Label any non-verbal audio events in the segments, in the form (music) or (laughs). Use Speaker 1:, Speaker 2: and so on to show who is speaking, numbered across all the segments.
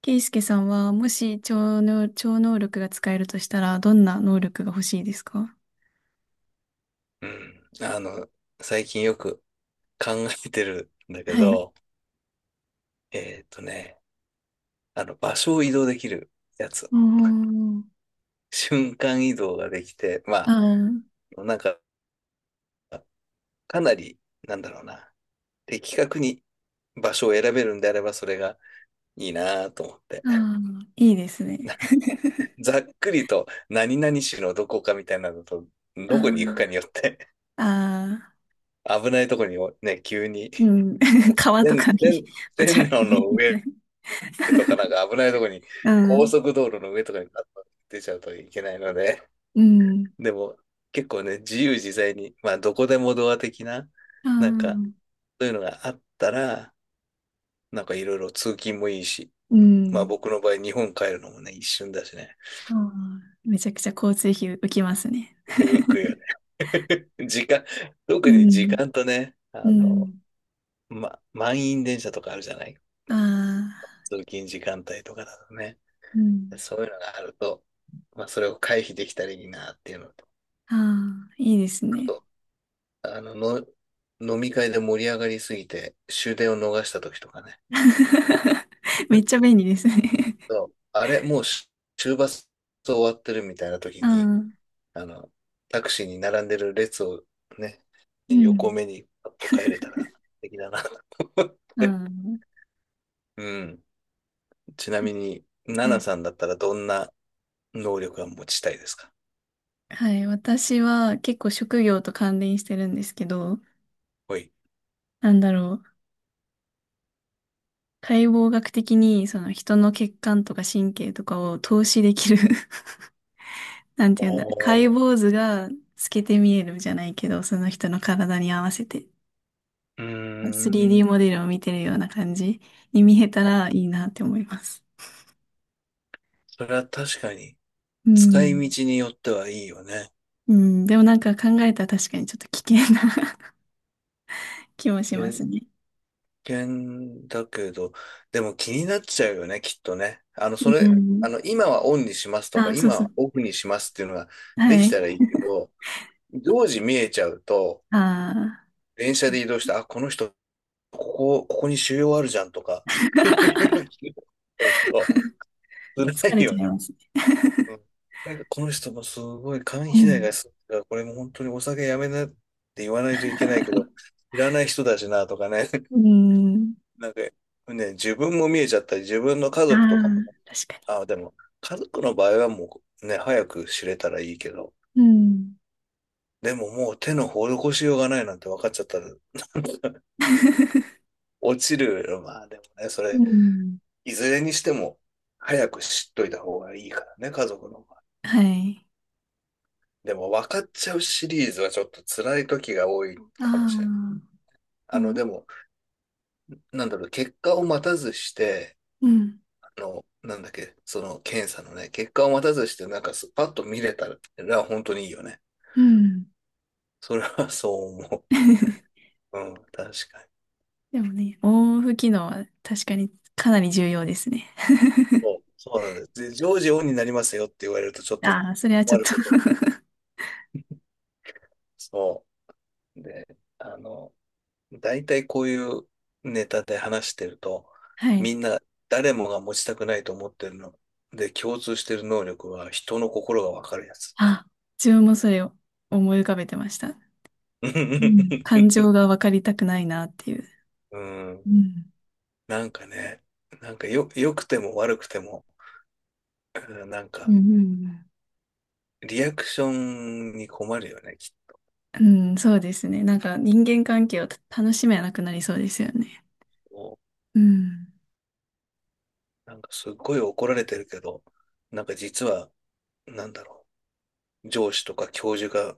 Speaker 1: ケイスケさんは、もし超能力が使えるとしたら、どんな能力が欲しいですか？
Speaker 2: うん。最近よく考えてるんだけ
Speaker 1: はい。う
Speaker 2: ど、えーっとね、場所を移動できるやつ。
Speaker 1: ーん。
Speaker 2: 瞬間移動ができて、
Speaker 1: ああ、
Speaker 2: あ、なんか、かなり、なんだろうな、的確に場所を選べるんであれば、それがいいなと思って。
Speaker 1: ああ、いいですね。
Speaker 2: (laughs) ざっくりと、何々市のどこかみたいなのと、どこに行
Speaker 1: あ
Speaker 2: くかによって、
Speaker 1: あ、ああ、
Speaker 2: 危ないとこにね、急に、
Speaker 1: うん。(laughs) 川と
Speaker 2: 線、
Speaker 1: かに、
Speaker 2: 線、
Speaker 1: (laughs) ぽ
Speaker 2: 線
Speaker 1: ちゃって
Speaker 2: 路
Speaker 1: 入
Speaker 2: の
Speaker 1: れみた
Speaker 2: 上
Speaker 1: い。
Speaker 2: とかなんか危ないとこに、
Speaker 1: う
Speaker 2: 高
Speaker 1: ん、
Speaker 2: 速道路の上とかにガッと出ちゃうといけないので、
Speaker 1: うん、
Speaker 2: でも結構ね、自由自在に、まあどこでもドア的な、
Speaker 1: あ
Speaker 2: なんか
Speaker 1: あ、
Speaker 2: そういうのがあったら、なんかいろいろ通勤もいいし、
Speaker 1: う
Speaker 2: まあ
Speaker 1: ん。
Speaker 2: 僕の場合日本帰るのもね、一瞬だしね、
Speaker 1: ああ、めちゃくちゃ交通費浮きますね。
Speaker 2: 浮くよね。
Speaker 1: (laughs)
Speaker 2: (laughs) 時間、
Speaker 1: う
Speaker 2: 特に時
Speaker 1: ん、
Speaker 2: 間とね、
Speaker 1: う
Speaker 2: あの、
Speaker 1: ん、
Speaker 2: ま、満員電車とかあるじゃない
Speaker 1: ああ、
Speaker 2: 通勤時間帯とかだとね。
Speaker 1: うん、
Speaker 2: そういうのがあると、まあそれを回避できたらいいなっていうのと、
Speaker 1: ああ、いいです
Speaker 2: あ
Speaker 1: ね。
Speaker 2: と、あの、の、飲み会で盛り上がりすぎて終電を逃した時とかね。
Speaker 1: (laughs) めっちゃ便利ですね。
Speaker 2: そうあれ、もうし終バス終わってるみたいな時
Speaker 1: あ
Speaker 2: に、
Speaker 1: あ、
Speaker 2: あの、タクシーに並んでる列をね、
Speaker 1: う
Speaker 2: 横
Speaker 1: ん。
Speaker 2: 目にパッと帰れたら素敵だなと思っ
Speaker 1: あ
Speaker 2: て。
Speaker 1: あ、
Speaker 2: (laughs) うん。ちな
Speaker 1: た
Speaker 2: みに、ナ
Speaker 1: は
Speaker 2: ナ
Speaker 1: い。
Speaker 2: さんだったらどんな能力が持ちたいですか？
Speaker 1: はい。私は結構職業と関連してるんですけど、
Speaker 2: ほい。
Speaker 1: なんだろう。解剖学的にその人の血管とか神経とかを透視できる。 (laughs) なんて
Speaker 2: お
Speaker 1: 言うんだろう。解
Speaker 2: ー、
Speaker 1: 剖図が透けて見えるじゃないけど、その人の体に合わせて
Speaker 2: うー
Speaker 1: 3D
Speaker 2: ん。
Speaker 1: モデルを見てるような感じに見えたらいいなって思います。
Speaker 2: それは確かに、
Speaker 1: う
Speaker 2: 使い
Speaker 1: ん。
Speaker 2: 道によってはいいよね。
Speaker 1: うん。でもなんか考えたら確かにちょっと危険な (laughs) 気もします
Speaker 2: え
Speaker 1: ね。
Speaker 2: 険だけど、でも気になっちゃうよね、きっとね。あの、そ
Speaker 1: う
Speaker 2: れ、あ
Speaker 1: ん。
Speaker 2: の、今はオンにしますとか、
Speaker 1: あ、そう
Speaker 2: 今
Speaker 1: そう。
Speaker 2: はオフにしますっていうのがで
Speaker 1: は
Speaker 2: き
Speaker 1: い。
Speaker 2: たらいいけど、常時見えちゃうと、
Speaker 1: ああ、
Speaker 2: 電車で移動して、あ、この人、ここに腫瘍あるじゃんとか、(laughs) いろいろ
Speaker 1: (laughs)
Speaker 2: 聞いと、辛
Speaker 1: 疲
Speaker 2: い
Speaker 1: れ
Speaker 2: よ
Speaker 1: ちゃい
Speaker 2: ね。
Speaker 1: ますね。
Speaker 2: うん。なんか、この人もすごい肝
Speaker 1: う
Speaker 2: 肥大
Speaker 1: ん。
Speaker 2: がすごいから、これも本当にお酒やめなって言わないといけないけど、
Speaker 1: (laughs)
Speaker 2: 知らない人だしなとかね。
Speaker 1: うん。
Speaker 2: なんかね、自分も見えちゃったり、自分の家
Speaker 1: あ
Speaker 2: 族とかもね、
Speaker 1: あ、確か
Speaker 2: あ、でも、家族の場合はもうね、早く知れたらいいけど、
Speaker 1: に。うん。
Speaker 2: でももう手の施しようがないなんて分かっちゃったら、
Speaker 1: (laughs)
Speaker 2: 落ちる。まあでもね、そ
Speaker 1: う
Speaker 2: れ、
Speaker 1: ん。
Speaker 2: いずれにしても、早く知っといた方がいいからね、家族の場合。
Speaker 1: (laughs) はい。
Speaker 2: でも分かっちゃうシリーズはちょっと辛い時が多い
Speaker 1: あ
Speaker 2: かもしれない。
Speaker 1: あ、
Speaker 2: あの、
Speaker 1: も
Speaker 2: でも、なんだろう、結果を待たずして、
Speaker 1: う、うん。
Speaker 2: あの、なんだっけ、その検査のね、結果を待たずして、なんかすパッと見れたら、本当にいいよね。
Speaker 1: うん。
Speaker 2: それはそう思
Speaker 1: (laughs)
Speaker 2: う。うん、確かに。
Speaker 1: でもね、オンオフ機能は確かにかなり重要ですね。
Speaker 2: そう。そうなんです。オンになりますよって言われるとちょっ
Speaker 1: (laughs)
Speaker 2: と
Speaker 1: ああ、それはちょ
Speaker 2: 困
Speaker 1: っ
Speaker 2: る
Speaker 1: と。
Speaker 2: ことが。そう。で、あの、大体こういうネタで話してると、
Speaker 1: (laughs) は
Speaker 2: み
Speaker 1: い。
Speaker 2: んな誰もが持ちたくないと思ってるの。で、共通してる能力は人の心がわかるやつ。
Speaker 1: あ、自分もそれを思い浮かべてました。
Speaker 2: (laughs)
Speaker 1: うん。感
Speaker 2: う
Speaker 1: 情が分かりたくないなっていう。
Speaker 2: ん。
Speaker 1: うん。
Speaker 2: なんかね、なんかよ、良くても悪くても、うんなん
Speaker 1: うん
Speaker 2: か、
Speaker 1: うんうん。
Speaker 2: リアクションに困るよね、きっ
Speaker 1: うん、そうですね。なんか人間関係を楽しめなくなりそうですよね。
Speaker 2: と。
Speaker 1: うん。
Speaker 2: なんかすっごい怒られてるけど、なんか実は、なんだろ上司とか教授が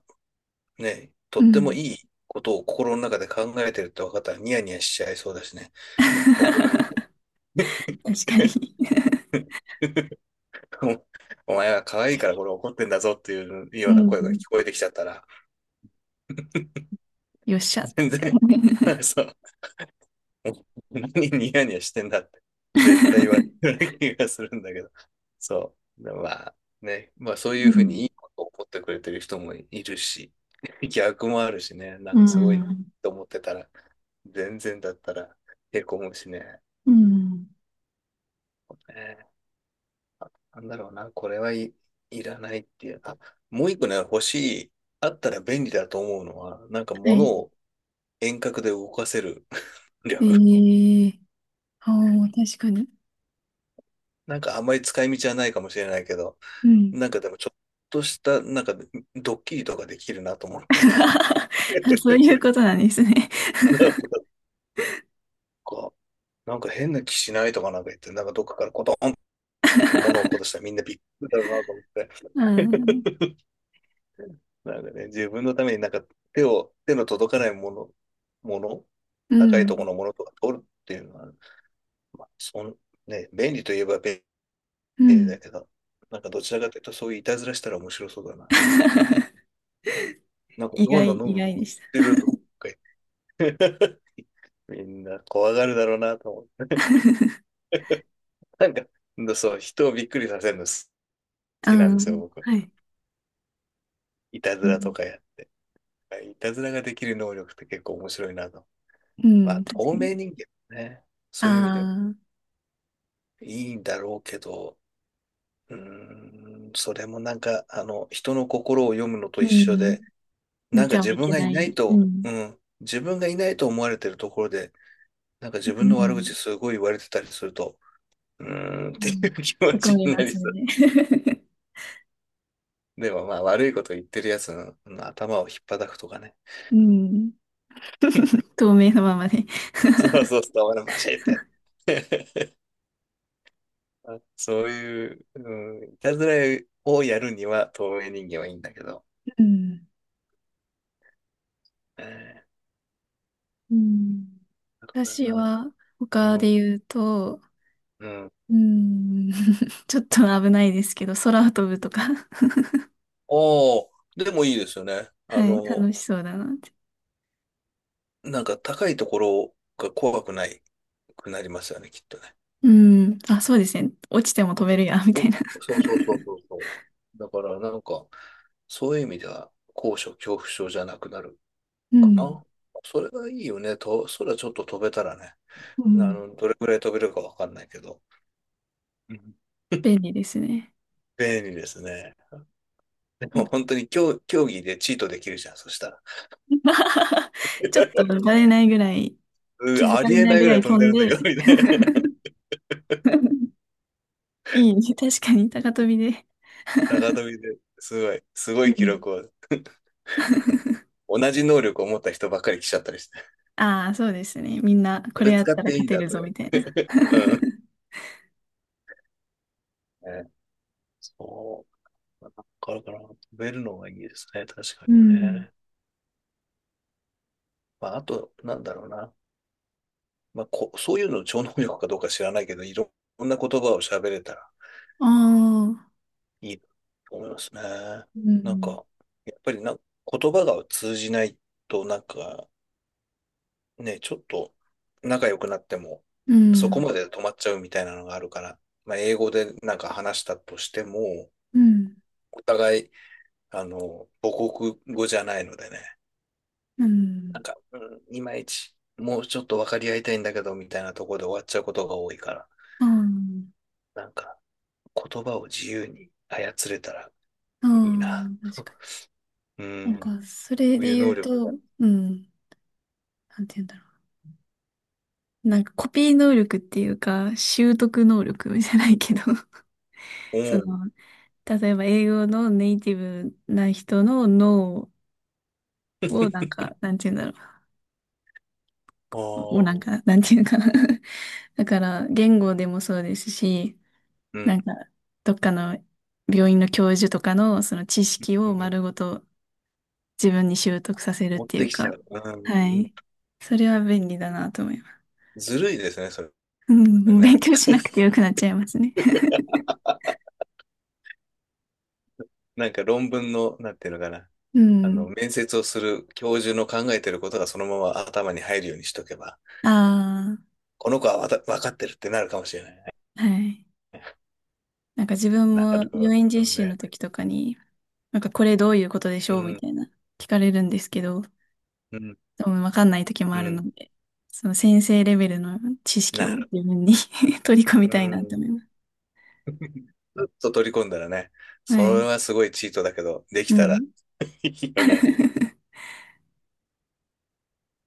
Speaker 2: ね、と
Speaker 1: う
Speaker 2: っても
Speaker 1: ん。
Speaker 2: いいことを心の中で考えてるって分かったらニヤニヤしちゃいそうだしね、怒られ
Speaker 1: (laughs) 確か
Speaker 2: て。
Speaker 1: に。
Speaker 2: (laughs) お前は可愛いからこれ怒ってんだぞっていうよ
Speaker 1: う
Speaker 2: うな声が
Speaker 1: ん。
Speaker 2: 聞こえてきちゃったら、
Speaker 1: よっしゃっ
Speaker 2: 全
Speaker 1: て。
Speaker 2: 然、(laughs) そう、(laughs) 何ニヤニヤしてんだって、絶対言われてる気がするんだけど。そう。でまあね、まあそうい
Speaker 1: う
Speaker 2: うふう
Speaker 1: ん。
Speaker 2: にいいことを思ってくれてる人もいるし、(laughs) 逆もあるしね、なん
Speaker 1: う
Speaker 2: かすごい
Speaker 1: ん。
Speaker 2: と思ってたら、全然だったらへこむしね。
Speaker 1: うん。
Speaker 2: えーなんだろうな、これはい、いらないっていう。あ、もう一個ね、欲しい、あったら便利だと思うのは、なんか
Speaker 1: は
Speaker 2: 物
Speaker 1: い。
Speaker 2: を遠隔で動かせる (laughs)
Speaker 1: え
Speaker 2: 力。
Speaker 1: え。ああー、確かに。
Speaker 2: なんかあんまり使い道はないかもしれないけど、
Speaker 1: うん。
Speaker 2: なんかでもちょっとした、なんかドッキリとかできるなと思っ
Speaker 1: (laughs)
Speaker 2: て。
Speaker 1: あ、そういう
Speaker 2: (laughs)
Speaker 1: ことなんですね。
Speaker 2: なんか、なんか変な気しないとかなんか言って、なんかどっかからコトンと物を落っこと
Speaker 1: (laughs)
Speaker 2: したらみんなびっくりだろうなと思っ
Speaker 1: うん。
Speaker 2: て。(laughs) なんかね、自分のためになんか手の届かないもの、
Speaker 1: う
Speaker 2: 高い
Speaker 1: ん。
Speaker 2: ところのものとか取るっていうのは、まあ、そん、ね、便利といえば便
Speaker 1: う
Speaker 2: 利だ
Speaker 1: ん。
Speaker 2: けど、なんかどちらかというとそういういたずらしたら面白そうだなと。
Speaker 1: (laughs)
Speaker 2: なんかドアのノ
Speaker 1: 意
Speaker 2: ブ持っ
Speaker 1: 外でし
Speaker 2: てるとか言ってみんな怖がるだろうなと思って。なんか、そう、人をびっくりさせるの好
Speaker 1: た。
Speaker 2: きなんで
Speaker 1: う
Speaker 2: すよ、
Speaker 1: ん。
Speaker 2: 僕。
Speaker 1: はい。
Speaker 2: いたず
Speaker 1: う
Speaker 2: ら
Speaker 1: ん、
Speaker 2: とかやって。いたずらができる能力って結構面白いなと。
Speaker 1: う
Speaker 2: まあ、
Speaker 1: ん、確
Speaker 2: 透
Speaker 1: かに。
Speaker 2: 明人間ね。そういう意味では
Speaker 1: ああ、
Speaker 2: いいんだろうけど、うーそれもなんか、人の心を読むのと
Speaker 1: う
Speaker 2: 一緒
Speaker 1: ん。
Speaker 2: で、
Speaker 1: 見
Speaker 2: なんか
Speaker 1: てはいけない。うん。
Speaker 2: 自分がいないと思われてるところで、なんか
Speaker 1: う
Speaker 2: 自分の悪口
Speaker 1: ん。
Speaker 2: すごい言われてたりすると、うーんっ
Speaker 1: う
Speaker 2: てい
Speaker 1: ん。
Speaker 2: う気持
Speaker 1: へこ
Speaker 2: ち
Speaker 1: み
Speaker 2: に
Speaker 1: ま
Speaker 2: なり
Speaker 1: すね。(laughs)
Speaker 2: でもまあ悪いこと言ってるやつの頭を引っ叩くとかね。(laughs)
Speaker 1: うん。透明のままで。
Speaker 2: そう、俺バシッて。(laughs) そういう、うん、いたずらをやるには透明人間はいいんだけど。
Speaker 1: うん。
Speaker 2: え
Speaker 1: うん。
Speaker 2: ー、だから
Speaker 1: 私
Speaker 2: なんだ、
Speaker 1: は、
Speaker 2: う
Speaker 1: 他
Speaker 2: ん、
Speaker 1: で言うと、
Speaker 2: うん。
Speaker 1: うん。(laughs) ちょっと危ないですけど、空を飛ぶとか。(laughs)
Speaker 2: おお、でもいいですよね。
Speaker 1: はい。楽しそうだなって。
Speaker 2: なんか高いところが怖くないくなりますよね、きっとね。
Speaker 1: うん。あ、そうですね。落ちても飛べるや、み
Speaker 2: お、
Speaker 1: たいな。(laughs)
Speaker 2: そうそうそうそうそう。だからなんか、そういう意味では高所恐怖症じゃなくなる
Speaker 1: う
Speaker 2: か
Speaker 1: ん。
Speaker 2: な。それがいいよね。と、空ちょっと飛べたらね。
Speaker 1: うん。
Speaker 2: どれくらい飛べるかわかんないけど。うん
Speaker 1: 便利ですね。
Speaker 2: 便利ですね。で
Speaker 1: なん
Speaker 2: も
Speaker 1: か
Speaker 2: 本当に競技でチートできるじゃん、そしたら。
Speaker 1: (laughs) ちょっと
Speaker 2: (laughs)
Speaker 1: 慣れないぐらい
Speaker 2: うん
Speaker 1: 気づ
Speaker 2: あ
Speaker 1: か
Speaker 2: り
Speaker 1: れ
Speaker 2: え
Speaker 1: な
Speaker 2: な
Speaker 1: い
Speaker 2: い
Speaker 1: ぐ
Speaker 2: ぐ
Speaker 1: ら
Speaker 2: らい
Speaker 1: い
Speaker 2: 飛
Speaker 1: 飛
Speaker 2: んで
Speaker 1: ん
Speaker 2: るんだけ
Speaker 1: で。
Speaker 2: ど、みたいな。
Speaker 1: (laughs) いいね。確かに、高飛びで。
Speaker 2: (laughs) 高飛びで。すごい、すごい
Speaker 1: う
Speaker 2: 記
Speaker 1: ん。
Speaker 2: 録
Speaker 1: (laughs)
Speaker 2: を。同じ能力を持った人ばっかり来ちゃったりして。
Speaker 1: ああ、そうですね。みんな、
Speaker 2: そ
Speaker 1: これ
Speaker 2: れ
Speaker 1: やっ
Speaker 2: 使っ
Speaker 1: たら
Speaker 2: て
Speaker 1: 勝
Speaker 2: いいん
Speaker 1: て
Speaker 2: だ
Speaker 1: る
Speaker 2: とか
Speaker 1: ぞ、
Speaker 2: 言っ
Speaker 1: みたいな。
Speaker 2: て。
Speaker 1: (laughs)
Speaker 2: うん。ね、そう。だからかな、飛べるのがいいですね。確か
Speaker 1: う
Speaker 2: に
Speaker 1: ん。
Speaker 2: ね。まあ、あと、なんだろうな。まあ、こそういうの超能力かどうか知らないけど、いろんな言葉を喋れたら
Speaker 1: ああ、
Speaker 2: いいと思いますね。
Speaker 1: う
Speaker 2: なん
Speaker 1: ん。
Speaker 2: か、やっぱりな、言葉が通じないと、なんか、ね、ちょっと仲良くなっても、
Speaker 1: う
Speaker 2: そこ
Speaker 1: ん、
Speaker 2: まで止まっちゃうみたいなのがあるから、まあ、英語でなんか話したとしても、
Speaker 1: うん。
Speaker 2: お互い、母国語じゃないのでね、
Speaker 1: うん。
Speaker 2: いまいち、もうちょっと分かり合いたいんだけど、みたいなところで終わっちゃうことが多いから、
Speaker 1: あ
Speaker 2: なんか、言葉を自由に操れたら
Speaker 1: あ、
Speaker 2: いいな。
Speaker 1: ああ、確か
Speaker 2: (laughs) う
Speaker 1: に。なん
Speaker 2: ん、
Speaker 1: か、それ
Speaker 2: そうい
Speaker 1: で
Speaker 2: う能
Speaker 1: 言う
Speaker 2: 力が。
Speaker 1: と、うん、なんて言うんだろう。なんか、コピー能力っていうか、習得能力じゃないけど、そ
Speaker 2: お
Speaker 1: の、例えば英語のネイティブな人の脳をなんか、なんて言うんだろう。を
Speaker 2: お、あ
Speaker 1: なん
Speaker 2: あ、
Speaker 1: か、なんて言うのかな。(laughs) だから、言語でもそうですし、
Speaker 2: う
Speaker 1: な
Speaker 2: ん、
Speaker 1: んか、どっかの病院の教授とかのその知識
Speaker 2: う
Speaker 1: を
Speaker 2: ん、
Speaker 1: 丸ごと自分に習得させるっ
Speaker 2: 持っ
Speaker 1: てい
Speaker 2: て
Speaker 1: う
Speaker 2: きちゃ
Speaker 1: か、
Speaker 2: う。う
Speaker 1: は
Speaker 2: ん、
Speaker 1: い。それは便利だなと思います。
Speaker 2: ずるいですね、そ
Speaker 1: う
Speaker 2: れ
Speaker 1: ん、(laughs) 勉
Speaker 2: ね。
Speaker 1: 強しなくてよくなっちゃいますね。
Speaker 2: なんか論文の、なんていうのかな。
Speaker 1: うん。
Speaker 2: 面接をする教授の考えてることがそのまま頭に入るようにしとけば、
Speaker 1: あ
Speaker 2: この子はわた、分かってるってなるかもしれないね。
Speaker 1: あ、はい。
Speaker 2: (laughs)
Speaker 1: なんか自分
Speaker 2: なる
Speaker 1: も
Speaker 2: ほ
Speaker 1: 病院実
Speaker 2: ど
Speaker 1: 習の
Speaker 2: ね。
Speaker 1: 時とかに、なんかこれどういうことでし
Speaker 2: う
Speaker 1: ょうみ
Speaker 2: ん、
Speaker 1: たいな聞かれるんですけど、
Speaker 2: うん、
Speaker 1: でもわかんない時も
Speaker 2: う
Speaker 1: あるの
Speaker 2: ん、
Speaker 1: で、その先生レベルの知識
Speaker 2: な
Speaker 1: を
Speaker 2: る。
Speaker 1: 自分に (laughs) 取り込
Speaker 2: う
Speaker 1: みたいなと思い
Speaker 2: ん、
Speaker 1: ます。
Speaker 2: ちょっと取り込んだらね、
Speaker 1: は
Speaker 2: それ
Speaker 1: い。
Speaker 2: はすごいチートだけど、でき
Speaker 1: う
Speaker 2: たらいい
Speaker 1: ん。
Speaker 2: よね。
Speaker 1: (laughs)